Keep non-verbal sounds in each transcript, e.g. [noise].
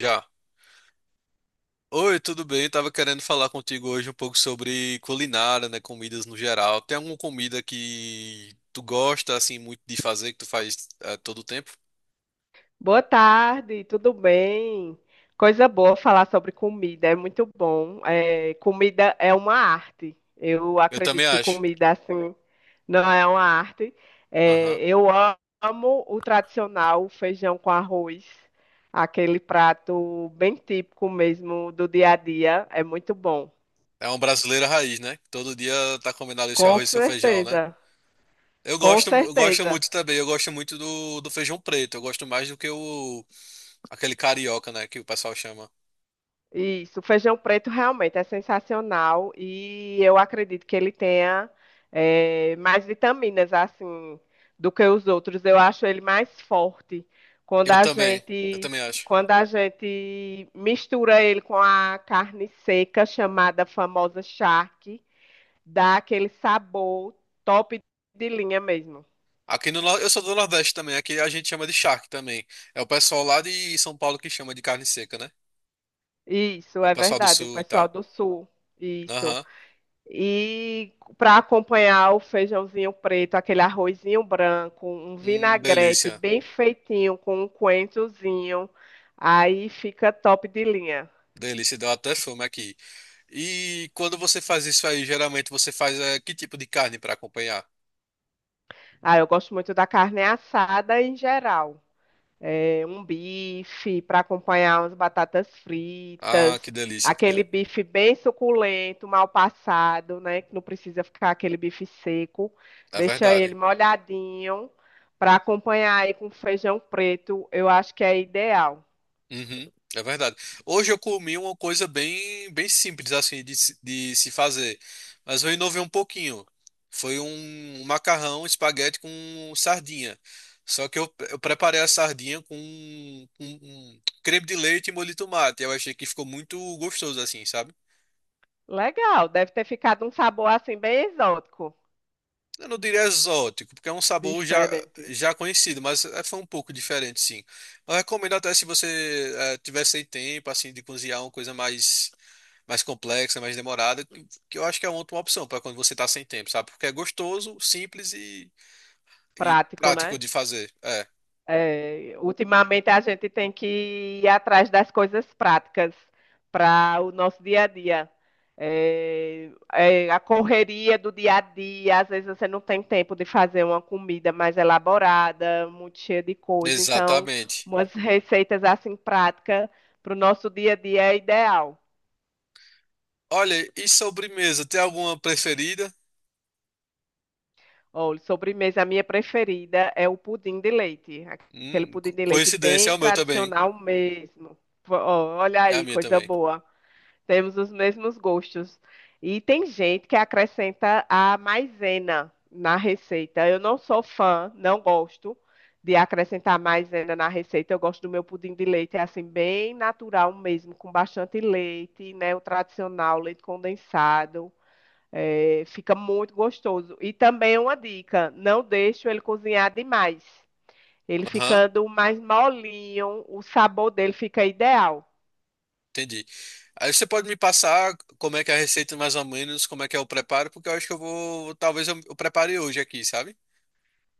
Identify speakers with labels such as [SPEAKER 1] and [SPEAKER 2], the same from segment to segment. [SPEAKER 1] Já. Oi, tudo bem? Tava querendo falar contigo hoje um pouco sobre culinária, né? Comidas no geral. Tem alguma comida que tu gosta, assim, muito de fazer, que tu faz todo o tempo?
[SPEAKER 2] Boa tarde, tudo bem? Coisa boa falar sobre comida, é muito bom. É, comida é uma arte. Eu
[SPEAKER 1] Eu também
[SPEAKER 2] acredito que
[SPEAKER 1] acho.
[SPEAKER 2] comida assim não é uma arte. É,
[SPEAKER 1] Aham.
[SPEAKER 2] eu amo o tradicional feijão com arroz, aquele prato bem típico mesmo do dia a dia. É muito bom.
[SPEAKER 1] É uma brasileira raiz, né? Todo dia tá combinado esse
[SPEAKER 2] Com
[SPEAKER 1] arroz e seu feijão, né?
[SPEAKER 2] certeza,
[SPEAKER 1] Eu
[SPEAKER 2] com
[SPEAKER 1] gosto, eu gosto
[SPEAKER 2] certeza.
[SPEAKER 1] muito também. Eu gosto muito do feijão preto. Eu gosto mais do que o, aquele carioca, né? Que o pessoal chama.
[SPEAKER 2] Isso, o feijão preto realmente é sensacional e eu acredito que ele tenha mais vitaminas assim do que os outros. Eu acho ele mais forte quando
[SPEAKER 1] Eu
[SPEAKER 2] a
[SPEAKER 1] também. Eu
[SPEAKER 2] gente
[SPEAKER 1] também acho.
[SPEAKER 2] quando a gente mistura ele com a carne seca chamada famosa charque, dá aquele sabor top de linha mesmo.
[SPEAKER 1] Aqui no, Nor- eu sou do Nordeste também, aqui a gente chama de charque também. É o pessoal lá de São Paulo que chama de carne seca, né?
[SPEAKER 2] Isso,
[SPEAKER 1] O
[SPEAKER 2] é
[SPEAKER 1] pessoal do
[SPEAKER 2] verdade. O
[SPEAKER 1] Sul e
[SPEAKER 2] pessoal
[SPEAKER 1] tal.
[SPEAKER 2] do sul, isso.
[SPEAKER 1] Aham.
[SPEAKER 2] E para acompanhar o feijãozinho preto, aquele arrozinho branco, um vinagrete
[SPEAKER 1] Delícia.
[SPEAKER 2] bem feitinho com um coentrozinho, aí fica top de linha.
[SPEAKER 1] Delícia, deu até fome aqui. E quando você faz isso aí, geralmente você faz que tipo de carne para acompanhar?
[SPEAKER 2] Ah, eu gosto muito da carne assada em geral. Um bife para acompanhar umas batatas
[SPEAKER 1] Ah, que
[SPEAKER 2] fritas,
[SPEAKER 1] delícia, que
[SPEAKER 2] aquele
[SPEAKER 1] delícia.
[SPEAKER 2] bife bem suculento, mal passado, né? Que não precisa ficar aquele bife seco.
[SPEAKER 1] É
[SPEAKER 2] Deixa ele
[SPEAKER 1] verdade.
[SPEAKER 2] molhadinho para acompanhar aí com feijão preto, eu acho que é ideal.
[SPEAKER 1] Uhum, é verdade. Hoje eu comi uma coisa bem, bem simples assim de se fazer, mas eu inovei um pouquinho. Foi um macarrão espaguete com sardinha. Só que eu preparei a sardinha com um creme de leite e molho de tomate. Eu achei que ficou muito gostoso assim, sabe?
[SPEAKER 2] Legal, deve ter ficado um sabor assim bem exótico,
[SPEAKER 1] Eu não diria exótico, porque é um sabor já,
[SPEAKER 2] diferente,
[SPEAKER 1] já conhecido, mas foi um pouco diferente, sim. Eu recomendo até se você tiver sem tempo assim de cozinhar uma coisa mais mais complexa, mais demorada, que eu acho que é uma ótima opção para quando você tá sem tempo, sabe? Porque é gostoso, simples e
[SPEAKER 2] prático,
[SPEAKER 1] prático
[SPEAKER 2] né?
[SPEAKER 1] de fazer. É,
[SPEAKER 2] É, ultimamente a gente tem que ir atrás das coisas práticas para o nosso dia a dia. É, é, a correria do dia a dia, às vezes você não tem tempo de fazer uma comida mais elaborada, muito cheia de coisa. Então,
[SPEAKER 1] exatamente.
[SPEAKER 2] umas receitas assim práticas para o nosso dia a dia é ideal.
[SPEAKER 1] Olha, e sobremesa, tem alguma preferida?
[SPEAKER 2] Olha, sobremesa, a minha preferida é o pudim de leite, aquele pudim de leite
[SPEAKER 1] Coincidência, é
[SPEAKER 2] bem
[SPEAKER 1] o meu também.
[SPEAKER 2] tradicional mesmo. Ó, olha
[SPEAKER 1] É a
[SPEAKER 2] aí,
[SPEAKER 1] minha
[SPEAKER 2] coisa
[SPEAKER 1] também.
[SPEAKER 2] boa. Temos os mesmos gostos. E tem gente que acrescenta a maisena na receita. Eu não sou fã, não gosto de acrescentar maisena na receita. Eu gosto do meu pudim de leite, é assim, bem natural mesmo, com bastante leite, né? O tradicional, leite condensado. É, fica muito gostoso. E também uma dica: não deixo ele cozinhar demais. Ele
[SPEAKER 1] Aham,
[SPEAKER 2] ficando mais molinho, o sabor dele fica ideal.
[SPEAKER 1] entendi. Aí você pode me passar como é que é a receita mais ou menos, como é que é o preparo, porque eu acho que eu vou, talvez eu prepare hoje aqui, sabe?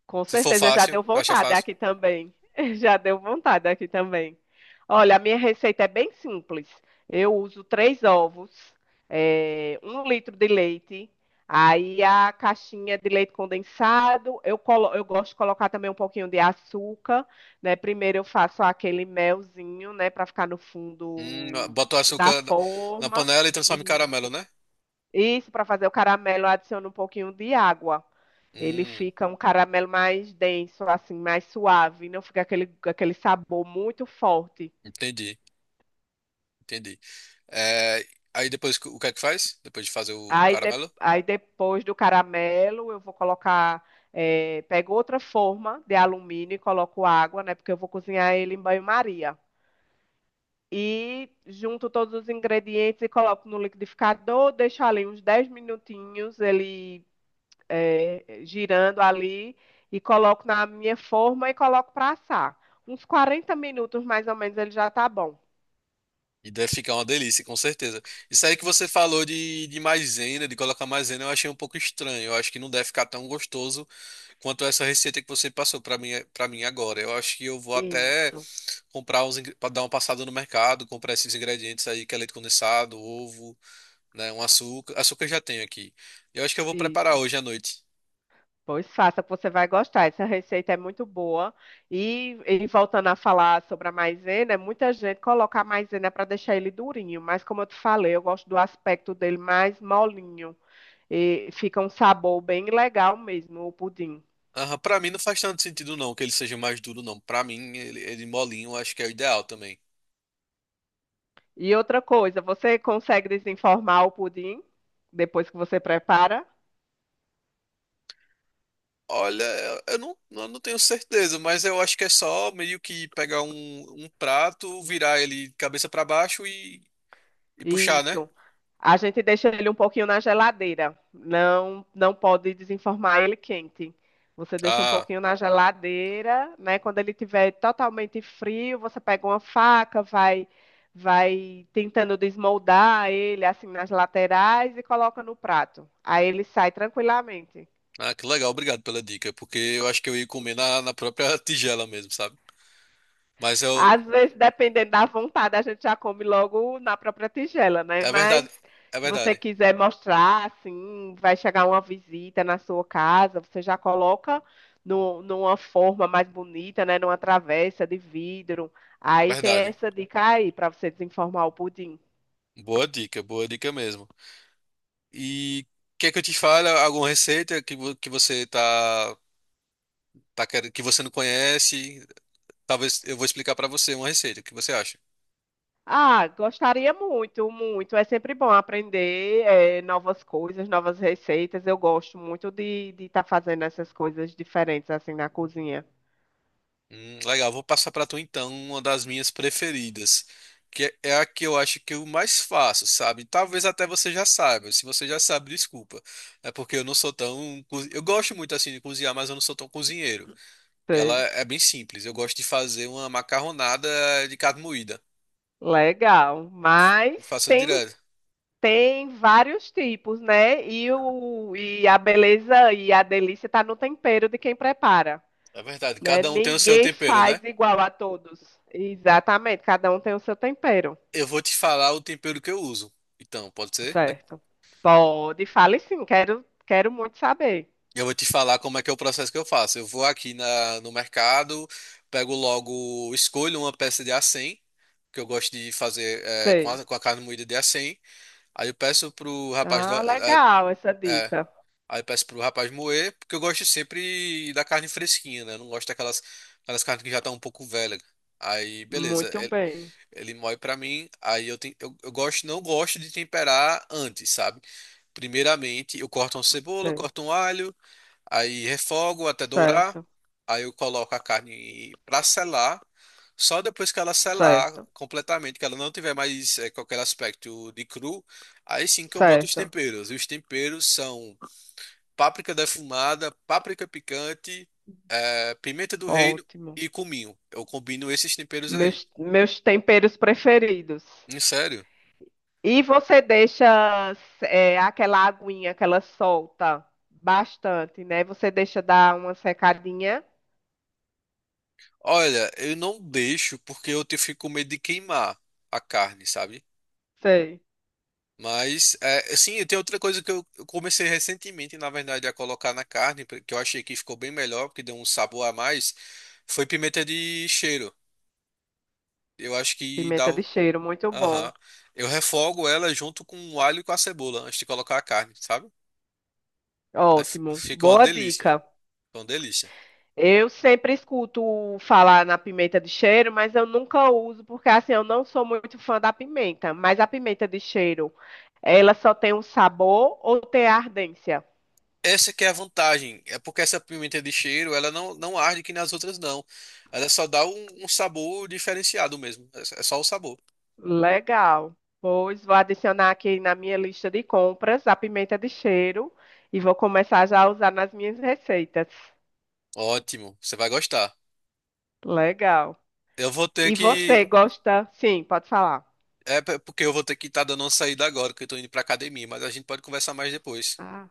[SPEAKER 2] Com
[SPEAKER 1] Se for
[SPEAKER 2] certeza, já
[SPEAKER 1] fácil,
[SPEAKER 2] deu
[SPEAKER 1] eu acho
[SPEAKER 2] vontade
[SPEAKER 1] fácil.
[SPEAKER 2] aqui também. [laughs] Já deu vontade aqui também. Olha, a minha receita é bem simples. Eu uso três ovos, 1 litro de leite, aí a caixinha de leite condensado. Eu gosto de colocar também um pouquinho de açúcar, né? Primeiro eu faço aquele melzinho, né, para ficar no fundo
[SPEAKER 1] Bota o
[SPEAKER 2] da
[SPEAKER 1] açúcar na, na
[SPEAKER 2] forma.
[SPEAKER 1] panela e transforma em
[SPEAKER 2] E-
[SPEAKER 1] caramelo, né?
[SPEAKER 2] Isso, para fazer o caramelo, eu adiciono um pouquinho de água. Ele
[SPEAKER 1] Hum.
[SPEAKER 2] fica um caramelo mais denso, assim, mais suave, não fica aquele sabor muito forte.
[SPEAKER 1] Entendi, entendi. É, aí depois o que é que faz? Depois de fazer o caramelo?
[SPEAKER 2] Aí depois do caramelo, eu vou colocar, pego outra forma de alumínio e coloco água, né? Porque eu vou cozinhar ele em banho-maria. E junto todos os ingredientes e coloco no liquidificador, deixo ali uns 10 minutinhos, ele é, girando ali e coloco na minha forma e coloco para assar. Uns 40 minutos mais ou menos ele já tá bom.
[SPEAKER 1] E deve ficar uma delícia, com certeza. Isso aí que você falou de maisena, de colocar maisena, eu achei um pouco estranho. Eu acho que não deve ficar tão gostoso quanto essa receita que você passou para mim agora. Eu acho que eu vou até
[SPEAKER 2] Isso,
[SPEAKER 1] comprar uns, para dar uma passada no mercado, comprar esses ingredientes aí, que é leite condensado, ovo, né, um açúcar. Açúcar eu já tenho aqui. Eu acho que eu vou preparar
[SPEAKER 2] isso.
[SPEAKER 1] hoje à noite.
[SPEAKER 2] Pois faça, que você vai gostar. Essa receita é muito boa. E voltando a falar sobre a maisena, é muita gente coloca a maisena para deixar ele durinho, mas como eu te falei, eu gosto do aspecto dele mais molinho. E fica um sabor bem legal mesmo, o pudim.
[SPEAKER 1] Aham, pra mim não faz tanto sentido não que ele seja mais duro não. Pra mim ele, ele molinho eu acho que é o ideal também.
[SPEAKER 2] E outra coisa, você consegue desenformar o pudim depois que você prepara?
[SPEAKER 1] Olha, eu não tenho certeza, mas eu acho que é só meio que pegar um, um prato, virar ele cabeça pra baixo e puxar, né?
[SPEAKER 2] Isso. A gente deixa ele um pouquinho na geladeira. Não, não pode desenformar ele quente. Você deixa um
[SPEAKER 1] Ah,
[SPEAKER 2] pouquinho na geladeira, né? Quando ele estiver totalmente frio, você pega uma faca, vai, vai tentando desmoldar ele assim nas laterais e coloca no prato. Aí ele sai tranquilamente.
[SPEAKER 1] ah, que legal, obrigado pela dica, porque eu acho que eu ia comer na, na própria [laughs] tigela mesmo, sabe? Mas eu,
[SPEAKER 2] Às vezes, dependendo da vontade, a gente já come logo na própria tigela, né?
[SPEAKER 1] é verdade,
[SPEAKER 2] Mas
[SPEAKER 1] é
[SPEAKER 2] se você
[SPEAKER 1] verdade,
[SPEAKER 2] quiser mostrar, assim, vai chegar uma visita na sua casa, você já coloca numa forma mais bonita, né? Numa travessa de vidro.
[SPEAKER 1] é
[SPEAKER 2] Aí tem
[SPEAKER 1] verdade.
[SPEAKER 2] essa dica aí para você desenformar o pudim.
[SPEAKER 1] Boa dica mesmo. E quer que eu te fale alguma receita que você que você não conhece, talvez eu vou explicar pra você uma receita. O que você acha?
[SPEAKER 2] Ah, gostaria muito, muito. É sempre bom aprender, novas coisas, novas receitas. Eu gosto muito de tá fazendo essas coisas diferentes assim na cozinha.
[SPEAKER 1] Legal, vou passar pra tu então uma das minhas preferidas, que é a que eu acho que eu mais faço, sabe? Talvez até você já saiba. Se você já sabe, desculpa. É porque eu não sou tão, eu gosto muito assim de cozinhar, mas eu não sou tão cozinheiro. E ela é bem simples. Eu gosto de fazer uma macarronada de carne moída.
[SPEAKER 2] Legal, mas
[SPEAKER 1] Eu faço
[SPEAKER 2] tem
[SPEAKER 1] direto.
[SPEAKER 2] tem vários tipos, né? E o e a beleza e a delícia tá no tempero de quem prepara,
[SPEAKER 1] É verdade,
[SPEAKER 2] né?
[SPEAKER 1] cada um tem o seu
[SPEAKER 2] Ninguém
[SPEAKER 1] tempero, né?
[SPEAKER 2] faz igual a todos. Exatamente, cada um tem o seu tempero,
[SPEAKER 1] Eu vou te falar o tempero que eu uso. Então, pode ser?
[SPEAKER 2] certo? Pode, fale sim, quero muito saber.
[SPEAKER 1] Eu vou te falar como é que é o processo que eu faço. Eu vou aqui no mercado, pego logo, escolho uma peça de acém, que eu gosto de fazer é,
[SPEAKER 2] Sei.
[SPEAKER 1] com a carne moída de acém. Aí eu peço pro rapaz
[SPEAKER 2] Ah, legal essa
[SPEAKER 1] é,
[SPEAKER 2] dica.
[SPEAKER 1] aí eu peço pro rapaz moer, porque eu gosto sempre da carne fresquinha, né? Eu não gosto daquelas aquelas carnes que já estão um pouco velha. Aí, beleza,
[SPEAKER 2] Muito bem.
[SPEAKER 1] ele moe pra mim, aí eu, ten- eu gosto, não gosto de temperar antes, sabe? Primeiramente, eu corto uma cebola,
[SPEAKER 2] Sei.
[SPEAKER 1] corto um alho, aí refogo até dourar.
[SPEAKER 2] Certo,
[SPEAKER 1] Aí eu coloco a carne para selar. Só depois que ela selar
[SPEAKER 2] certo,
[SPEAKER 1] completamente, que ela não tiver mais qualquer aspecto de cru, aí sim que eu boto os
[SPEAKER 2] certo.
[SPEAKER 1] temperos. E os temperos são páprica defumada, páprica picante, pimenta do reino
[SPEAKER 2] Ótimo.
[SPEAKER 1] e cominho. Eu combino esses temperos aí.
[SPEAKER 2] Meus, meus temperos preferidos.
[SPEAKER 1] Em sério?
[SPEAKER 2] E você deixa é, aquela aguinha que ela solta bastante, né? Você deixa dar uma secadinha.
[SPEAKER 1] Olha, eu não deixo porque eu fico com medo de queimar a carne, sabe?
[SPEAKER 2] Sei.
[SPEAKER 1] Mas, é, assim, tem outra coisa que eu comecei recentemente, na verdade, a colocar na carne, que eu achei que ficou bem melhor, porque deu um sabor a mais, foi pimenta de cheiro. Eu acho que dá.
[SPEAKER 2] Pimenta de
[SPEAKER 1] O-
[SPEAKER 2] cheiro, muito bom.
[SPEAKER 1] Aham. Eu refogo ela junto com o alho e com a cebola, antes de colocar a carne, sabe? Aí
[SPEAKER 2] Ótimo.
[SPEAKER 1] fica uma
[SPEAKER 2] Boa
[SPEAKER 1] delícia.
[SPEAKER 2] dica.
[SPEAKER 1] Fica uma delícia.
[SPEAKER 2] Eu sempre escuto falar na pimenta de cheiro, mas eu nunca uso, porque assim, eu não sou muito fã da pimenta. Mas a pimenta de cheiro, ela só tem um sabor ou tem ardência?
[SPEAKER 1] Essa que é a vantagem, é porque essa pimenta de cheiro, ela não, não arde que nas outras não. Ela só dá um, um sabor diferenciado mesmo. É só o sabor.
[SPEAKER 2] Legal. Pois vou adicionar aqui na minha lista de compras a pimenta de cheiro e vou começar já a usar nas minhas receitas.
[SPEAKER 1] Ótimo, você vai gostar.
[SPEAKER 2] Legal.
[SPEAKER 1] Eu vou ter
[SPEAKER 2] E você
[SPEAKER 1] que.
[SPEAKER 2] gosta? Sim, pode falar.
[SPEAKER 1] É porque eu vou ter que estar dando uma saída agora, que eu tô indo pra academia, mas a gente pode conversar mais depois.
[SPEAKER 2] Ah,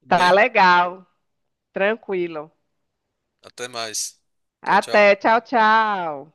[SPEAKER 1] Tudo
[SPEAKER 2] tá
[SPEAKER 1] bem?
[SPEAKER 2] legal. Tranquilo.
[SPEAKER 1] Até mais. Tchau, tchau.
[SPEAKER 2] Até. Tchau, tchau.